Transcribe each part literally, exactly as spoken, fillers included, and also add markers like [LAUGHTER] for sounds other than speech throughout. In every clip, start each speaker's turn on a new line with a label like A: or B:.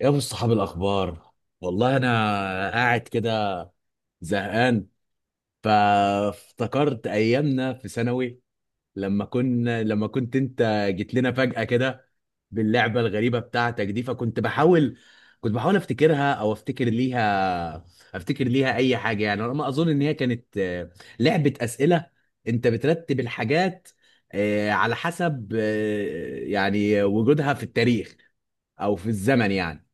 A: يا ابو الصحاب الاخبار، والله انا قاعد كده زهقان. فافتكرت ايامنا في ثانوي لما كنا لما كنت انت جيت لنا فجأة كده باللعبة الغريبة بتاعتك دي. فكنت بحاول، كنت بحاول افتكرها او افتكر ليها، افتكر ليها اي حاجة. يعني انا ما اظن ان هي كانت، آه، لعبة اسئلة. انت بترتب الحاجات آه، على حسب آه، يعني وجودها في التاريخ او في الزمن يعني.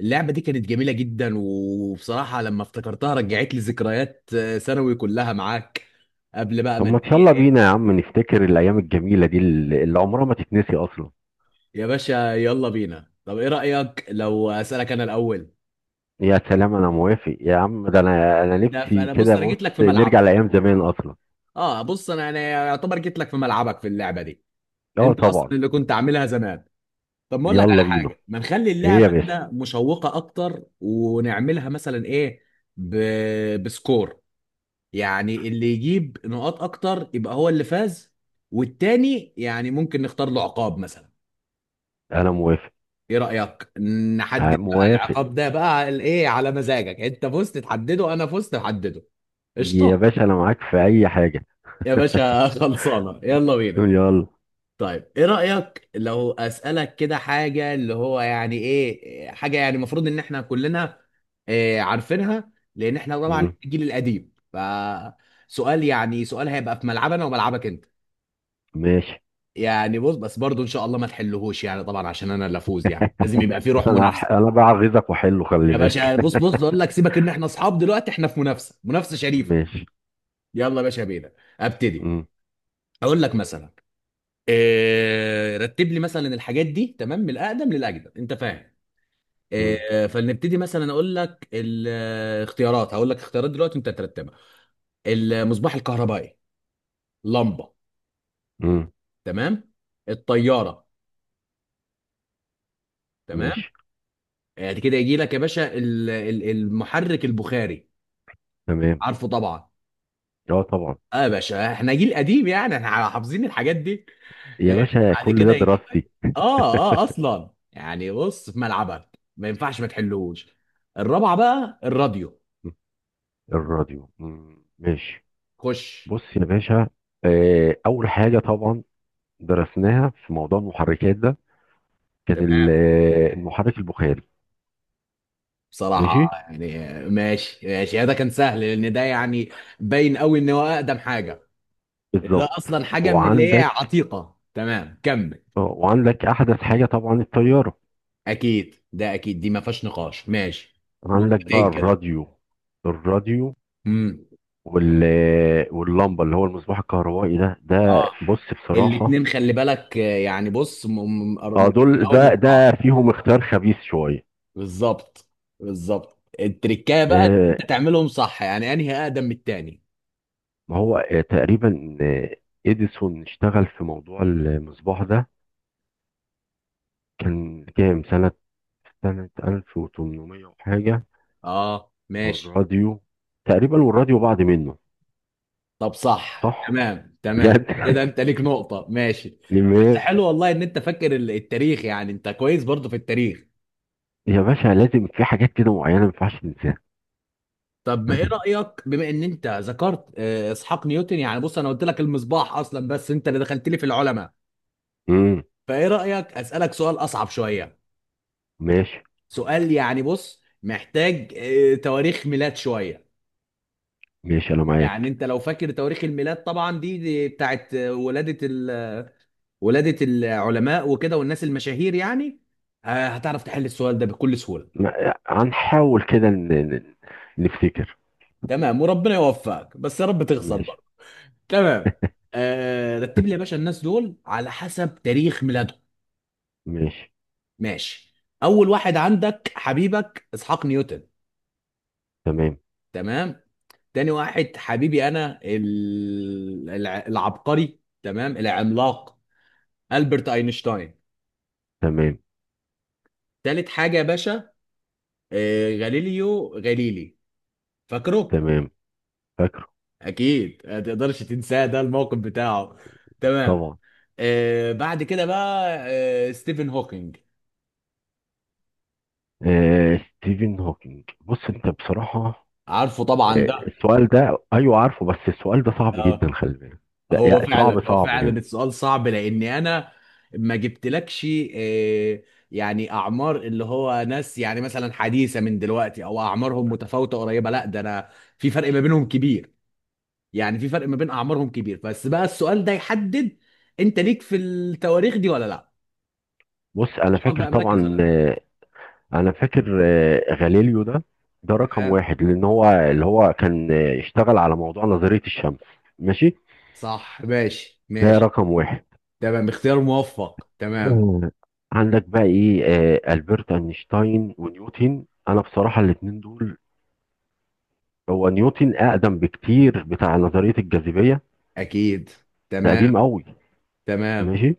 A: اللعبة دي كانت جميلة جدا، وبصراحة لما افتكرتها رجعت لي ذكريات آه، ثانوي كلها معاك قبل بقى
B: طب
A: ما
B: ما
A: الدنيا
B: تشالله
A: ايه.
B: بينا يا عم نفتكر الأيام الجميلة دي اللي اللي عمرها ما تتنسي أصلا.
A: يا باشا يلا بينا، طب ايه رأيك لو اسألك انا الاول؟
B: يا سلام، أنا موافق يا عم، ده أنا أنا
A: ده
B: نفسي
A: فانا بص،
B: كده،
A: انا
B: بص
A: جيت لك في
B: نرجع
A: ملعبك.
B: لأيام زمان أصلا.
A: اه بص، انا انا يعتبر جيت لك في ملعبك في اللعبة دي.
B: أه
A: انت اصلا
B: طبعا.
A: اللي كنت عاملها زمان. طب ما اقول لك على
B: يلا بينا.
A: حاجة، ما نخلي
B: إيه يا
A: اللعبة
B: باشا؟
A: كده مشوقة اكتر ونعملها مثلا ايه، ب... بسكور. يعني اللي يجيب نقاط اكتر يبقى هو اللي فاز، والتاني يعني ممكن نختار له عقاب مثلا.
B: أنا موافق.
A: ايه رأيك؟
B: آه،
A: نحدد بقى
B: موافق.
A: العقاب ده بقى على ايه، على مزاجك. انت فزت تحدده، انا فزت احدده.
B: يا
A: قشطة.
B: باشا أنا معاك في أي حاجة.
A: يا باشا [LAUGHS] خلصانة، يلا بينا.
B: يلا.
A: طيب ايه رأيك لو اسألك كده حاجة اللي هو يعني ايه حاجة يعني المفروض ان احنا كلنا إيه عارفينها، لان احنا طبعا
B: مم.
A: الجيل القديم. فسؤال، يعني سؤال هيبقى في ملعبنا وملعبك انت.
B: ماشي.
A: يعني بص، بس برضو ان شاء الله ما تحلهوش. يعني طبعا عشان انا اللي افوز، يعني لازم يبقى في
B: [LAUGHS]
A: روح
B: أنا
A: منافسه.
B: هح- أنا بعغيظك وأحله، خلي
A: يا باشا
B: بالك.
A: بص، بص اقول لك سيبك، ان احنا اصحاب دلوقتي، احنا في منافسه، منافسه
B: [LAUGHS]
A: شريفه.
B: ماشي.
A: يلا يا باشا بينا. ابتدي.
B: مم.
A: اقول لك مثلا، إيه رتب لي مثلا الحاجات دي، تمام، من الاقدم للاجدد، انت فاهم.
B: مم.
A: إيه فلنبتدي. مثلا اقول لك الاختيارات، هقول لك اختيارات دلوقتي انت ترتبها. المصباح الكهربائي، لمبه،
B: مم.
A: تمام. الطياره، تمام.
B: ماشي.
A: يعني كده يجي لك يا باشا ال- ال- المحرك البخاري،
B: تمام.
A: عارفه طبعا.
B: أه طبعا.
A: اه يا باشا احنا جيل قديم، يعني احنا حافظين الحاجات دي.
B: يا
A: آه،
B: باشا
A: بعد
B: كل
A: كده
B: ده
A: يجي لك،
B: دراستي.
A: اه اه اصلا يعني بص في ملعبك ما ينفعش ما تحلوش. الرابعه بقى الراديو.
B: الراديو. مم. ماشي.
A: خش.
B: بص يا باشا، آه، اول حاجه طبعا درسناها في موضوع المحركات ده كان ال-
A: تمام.
B: آه، المحرك البخاري.
A: بصراحه
B: ماشي.
A: يعني آه، ماشي ماشي، ده كان سهل لان ده يعني باين قوي ان هو اقدم حاجه. ده
B: بالظبط.
A: اصلا حاجه من اللي هي
B: وعندك،
A: عتيقه، تمام كمل.
B: آه، وعندك احدث حاجه طبعا الطياره.
A: اكيد، ده اكيد دي ما فيهاش نقاش، ماشي.
B: عندك بقى
A: نقطتين كده.
B: الراديو. الراديو.
A: امم.
B: وال آه، واللمبه اللي هو المصباح الكهربائي ده، ده
A: اه
B: بص بصراحه.
A: الاتنين خلي بالك، آه، يعني بص م- م-
B: اه
A: مريحين
B: دول
A: قوي من
B: ده ده
A: بعض.
B: فيهم اختيار خبيث شويه.
A: بالظبط، بالظبط. التركايه بقى إن
B: آه،
A: انت تعملهم صح، يعني انهي اقدم من التاني.
B: ما هو آه، تقريبا، آه، اديسون اشتغل في موضوع المصباح ده كان كام سنة، سنة ألف وتمنمية وحاجة.
A: اه ماشي.
B: والراديو تقريبا، والراديو بعض منه.
A: طب صح
B: صح؟
A: تمام تمام،
B: بجد.
A: كده
B: [LAUGHS]
A: انت ليك نقطة، ماشي. بس
B: ماشي.
A: حلو والله ان انت فاكر ال- التاريخ، يعني انت كويس برضه في التاريخ.
B: يا باشا لازم في حاجات كده معينة ما ينفعش ننساها.
A: طب ما ايه رأيك، بما ان انت ذكرت آه، اسحاق نيوتن، يعني بص انا قلت لك المصباح اصلا، بس انت اللي دخلت لي في العلماء.
B: امم.
A: فايه رأيك اسألك سؤال اصعب شوية.
B: ماشي.
A: سؤال يعني بص محتاج آه، تواريخ ميلاد شوية.
B: ماشي أنا
A: يعني
B: معاك.
A: انت لو فاكر تواريخ الميلاد، طبعا دي، دي بتاعت آه، ولادة ال... ولادة العلماء وكده والناس المشاهير يعني، آه، هتعرف تحل السؤال ده بكل سهولة.
B: ما- هنحاول كده ن- ن- نفتكر.
A: تمام وربنا يوفقك بس يا رب تخسر
B: ماشي.
A: برضه. تمام. آه، رتب لي يا باشا الناس دول على حسب تاريخ ميلادهم،
B: ماشي.
A: ماشي. اول واحد عندك حبيبك اسحاق نيوتن،
B: تمام.
A: تمام. تاني واحد حبيبي انا ال- الع- العبقري تمام العملاق البرت اينشتاين.
B: تمام.
A: تالت حاجه يا باشا آه، غاليليو غاليلي، فاكره.
B: تمام. فاكره
A: اكيد ما تقدرش تنساه، ده الموقف بتاعه، تمام.
B: طبعا.
A: آه، بعد كده بقى آه، ستيفن هوكينج،
B: آه ستيفن هوكينج، بص انت بصراحة،
A: عارفه طبعا
B: آه
A: ده.
B: السؤال ده، ايوه عارفه، بس السؤال ده صعب
A: آه.
B: جدا خلي بالك. ده-
A: هو
B: يعني صعب
A: فعلا، هو
B: صعب
A: فعلا
B: يعني.
A: السؤال صعب، لاني انا ما جبتلكش آه، يعني اعمار اللي هو ناس يعني مثلا حديثه من دلوقتي او اعمارهم متفاوته قريبه، لا ده انا في فرق ما بينهم كبير. يعني في فرق ما بين اعمارهم كبير. بس بقى السؤال ده يحدد انت ليك في التواريخ دي ولا لا،
B: بص انا
A: شوفك
B: فاكر
A: بقى مركز ولا
B: طبعا،
A: لا.
B: آه، انا فاكر، آه، غاليليو ده، ده رقم
A: تمام،
B: واحد لان هو اللي هو كان آه، اشتغل على موضوع نظرية الشمس. ماشي.
A: صح ماشي
B: ده
A: ماشي.
B: رقم واحد.
A: تمام، اختيار موفق، تمام.
B: آه، عندك بقى ايه، آه، البرت اينشتاين ونيوتن. انا بصراحة الاتنين دول، هو نيوتن اقدم بكتير، بتاع نظرية الجاذبية.
A: اكيد،
B: ده
A: تمام
B: قديم قوي.
A: تمام.
B: ماشي.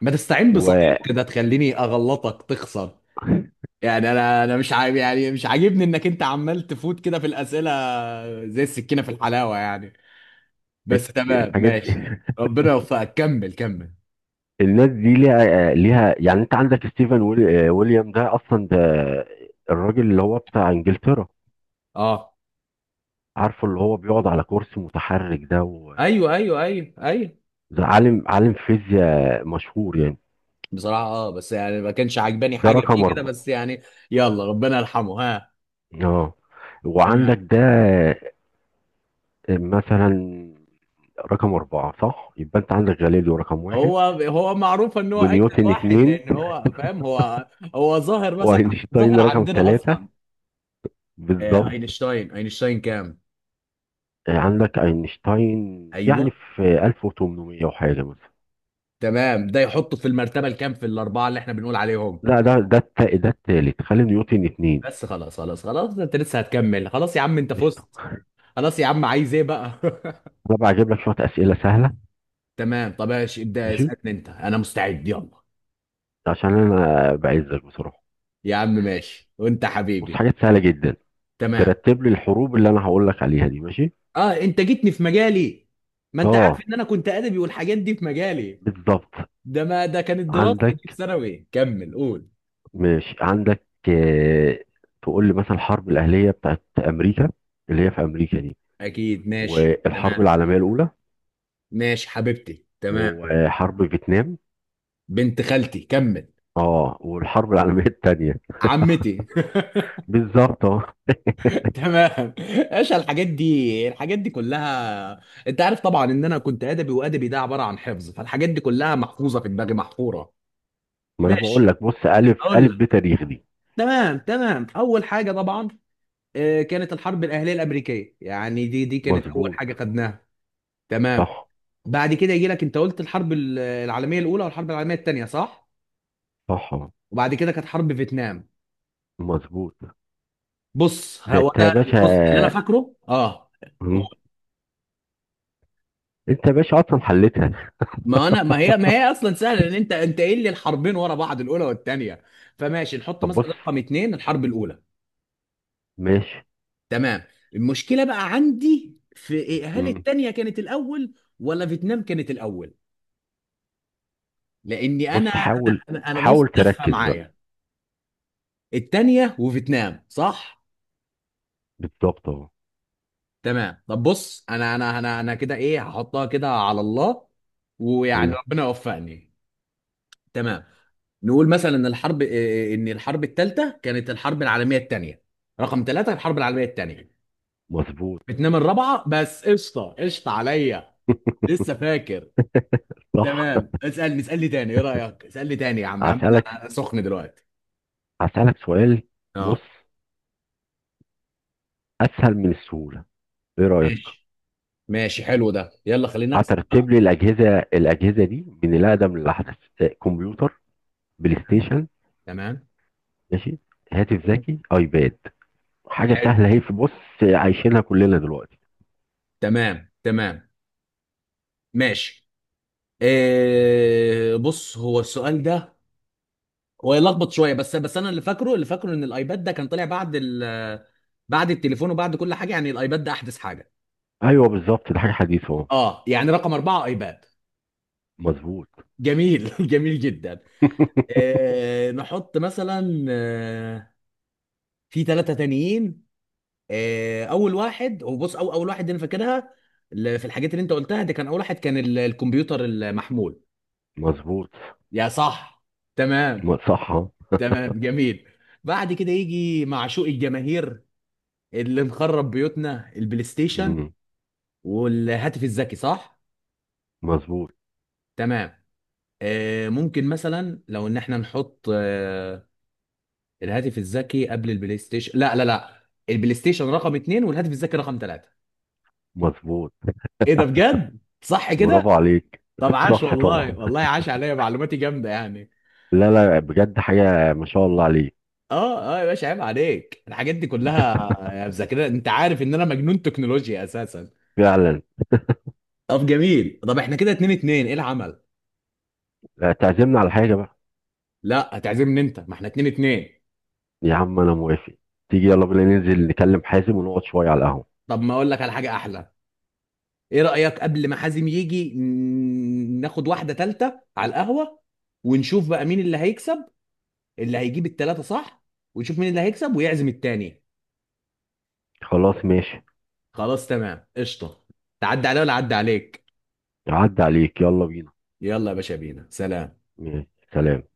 A: ما تستعين بصديق كده تخليني اغلطك تخسر.
B: والحاجات.
A: يعني انا، انا مش عاجب، يعني مش عاجبني انك انت عمال تفوت كده في الاسئله، زي السكينه في الحلاوه يعني. بس تمام
B: [LAUGHS]
A: ماشي.
B: دي
A: ربنا يوفقك، كمل كمل.
B: الناس دي ليها ليها يعني. انت عندك ستيفن ويل- آه، ويليام ده، اصلا ده الراجل اللي هو بتاع انجلترا.
A: اه.
B: عارفه اللي هو بيقعد على كرسي متحرك ده و-.
A: ايوه ايوه ايوه ايوه.
B: ده عالم، عالم فيزياء مشهور يعني.
A: بصراحه اه بس يعني ما كانش عاجباني
B: ده
A: حاجه
B: رقم
A: فيه كده
B: اربعة.
A: بس يعني. يلا ربنا يرحمه، ها.
B: اه وعندك
A: تمام.
B: ده مثلا رقم اربعة. صح؟ يبقى انت عندك غاليليو رقم واحد،
A: هو هو معروف ان هو اجدد
B: ونيوتن
A: واحد،
B: اتنين،
A: لان هو فاهم، هو هو ظاهر مثلا،
B: واينشتاين
A: ظاهر
B: رقم
A: عندنا
B: ثلاثة.
A: اصلا. آه،
B: بالظبط.
A: اينشتاين، اينشتاين كام؟
B: آه، عندك اينشتاين يعني
A: ايوه.
B: في ألف وتمنمية وحاجة مثلا.
A: تمام، ده يحطه في المرتبه الكام في الاربعه اللي احنا بنقول عليهم.
B: لا ده ده الت- ده التالت، خلي نيوتن اتنين.
A: بس خلاص خلاص خلاص، انت لسه هتكمل، خلاص يا عم انت
B: قشطة.
A: فزت. خلاص يا عم، عايز ايه بقى؟ [LAUGHS]
B: أنا بقى هجيب لك شوية أسئلة سهلة.
A: تمام طب ماشي ابدا
B: ماشي.
A: اسالني انت، انا مستعد، يلا.
B: عشان أنا بعزك بصراحة.
A: يا عم ماشي وانت
B: بص،
A: حبيبي.
B: حاجات سهلة جدا.
A: تمام.
B: ترتب لي الحروب اللي أنا هقول لك عليها دي. ماشي.
A: اه انت جيتني في مجالي، ما انت عارف
B: أه.
A: ان انا كنت ادبي والحاجات دي في مجالي.
B: بالظبط.
A: ده ما ده كانت دراستي دي في
B: عندك،
A: ثانوي، كمل قول.
B: ماشي، عندك آه، تقول لي مثلا الحرب الأهلية بتاعت أمريكا، اللي هي في أمريكا دي،
A: اكيد ماشي
B: والحرب
A: تمام.
B: العالمية الأولى،
A: ماشي حبيبتي تمام.
B: وحرب فيتنام،
A: بنت خالتي كمل.
B: أه والحرب العالمية التانية.
A: عمتي [LAUGHS]
B: بالظبط أه.
A: تمام. ايش الحاجات دي، الحاجات دي كلها؟ انت عارف طبعا ان انا كنت ادبي، وادبي ده عباره عن حفظ، فالحاجات دي كلها محفوظه في دماغي محفوره.
B: ما أنا بقول
A: ماشي
B: لك بص، ألف
A: اقول
B: ألف
A: لك.
B: بتاريخ دي.
A: تمام تمام اول حاجه طبعا آه، كانت الحرب الاهليه الامريكيه، يعني دي دي كانت اول
B: مظبوط.
A: حاجه خدناها. تمام.
B: صح.
A: بعد كده يجي لك انت قلت الحرب ال- العالميه الاولى والحرب العالميه الثانيه، صح.
B: صح.
A: وبعد كده كانت حرب فيتنام.
B: مظبوط.
A: بص
B: ده
A: هو
B: انت يا
A: ده. بص اللي انا
B: باشا.
A: فاكره، اه.
B: مم. انت يا باشا اصلا حلتها.
A: ما انا، ما هي ما هي اصلا سهله، لان انت انت قايل لي الحربين ورا بعض، الاولى والثانيه. فماشي نحط
B: طب
A: مثلا
B: بص.
A: رقم اتنين الحرب الاولى.
B: ماشي.
A: تمام. المشكله بقى عندي في إيه، هل
B: مم.
A: الثانيه كانت الاول ولا فيتنام كانت الاول؟ لاني
B: بص
A: انا انا
B: حاول،
A: انا أنا
B: حاول
A: بص لفه
B: تركز بقى.
A: معايا. الثانيه وفيتنام صح.
B: بالظبط اهو.
A: تمام، طب بص انا انا انا انا كده ايه، هحطها كده على الله ويعني
B: مم.
A: ربنا يوفقني. تمام. نقول مثلا ان الحرب آه، ان الحرب الثالثه كانت الحرب العالميه الثانيه. رقم ثلاثه الحرب العالميه الثانيه،
B: مظبوط.
A: فيتنام الرابعه. بس قشطه قشطه عليا،
B: [LAUGHS]
A: لسه فاكر.
B: صح.
A: تمام، اسالني اسالني تاني، ايه رايك اسالني تاني، يا عم يا عم
B: هسألك،
A: انا سخن دلوقتي.
B: هسألك سؤال.
A: اه
B: بص، اسهل من السهولة. ايه رأيك؟
A: ماشي. ماشي حلو ده، يلا خلينا نكسب.
B: هترتب لي الاجهزة الاجهزة دي من الاقدم للاحدث. اه، كمبيوتر، بلاي
A: تمام.
B: ستيشن.
A: تمام.
B: ماشي. هاتف
A: تمام
B: ذكي، ايباد. حاجة
A: حلو.
B: سهلة اهي، في بص عايشينها كلنا دلوقتي.
A: تمام تمام ماشي. إيه بص هو السؤال ده ويلخبط شويه، بس بس انا اللي فاكره، اللي فاكره ان الايباد ده كان طالع بعد ال، بعد التليفون وبعد كل حاجه، يعني الايباد ده احدث حاجه.
B: ايوه بالظبط، ده حاجه حديثه اهو.
A: اه يعني رقم اربعه ايباد.
B: مظبوط.
A: جميل [LAUGHS] جميل جدا.
B: [LAUGHS]
A: آه نحط مثلا آه، في ثلاثه تانيين. آه اول واحد هو بص، أو اول واحد انا فاكرها ل- في الحاجات اللي انت قلتها دي، كان اول واحد كان ال- الكمبيوتر المحمول،
B: مظبوط.
A: يا صح. تمام
B: م- صح أهو.
A: تمام جميل. بعد كده يجي معشوق الجماهير، اللي مخرب بيوتنا، البلاي ستيشن
B: مم.
A: والهاتف الذكي، صح.
B: مظبوط.
A: تمام. آه ممكن مثلا لو ان احنا نحط آه، الهاتف الذكي قبل البلاي ستيشن، لا لا لا، البلاي ستيشن رقم اتنين والهاتف الذكي رقم ثلاثة.
B: مظبوط.
A: ايه ده بجد صح
B: برافو
A: كده.
B: عليك.
A: طب
B: [LAUGHS]
A: عاش
B: صح طبعا.
A: والله، والله عاش عليا، معلوماتي جامدة يعني.
B: لا لا، بجد حاجه ما شاء الله عليك.
A: اه اه يا باشا عيب عليك الحاجات دي كلها، آه، مذاكرها، انت عارف ان انا مجنون تكنولوجيا اساسا.
B: فعلا.
A: طب جميل، طب احنا كده اتنين اتنين، ايه العمل؟
B: لا، تعزمنا على حاجه بقى.
A: لا هتعزمني انت، ما احنا اتنين اتنين.
B: يا عم انا موافق. تيجي يلا بينا ننزل نكلم حازم ونقعد شويه على القهوه.
A: طب ما اقول لك على حاجة احلى، ايه رأيك قبل ما حازم يجي ن- ناخد واحدة تالتة على القهوة، ونشوف بقى مين اللي هيكسب، اللي هيجيب التلاتة صح، ونشوف مين اللي هيكسب ويعزم التاني.
B: خلاص ماشي.
A: خلاص تمام قشطة. تعدي عليا ولا عدي عليك؟
B: عدى عليك، يلا بينا.
A: يلا يا باشا بينا، سلام.
B: ماشي. سلام.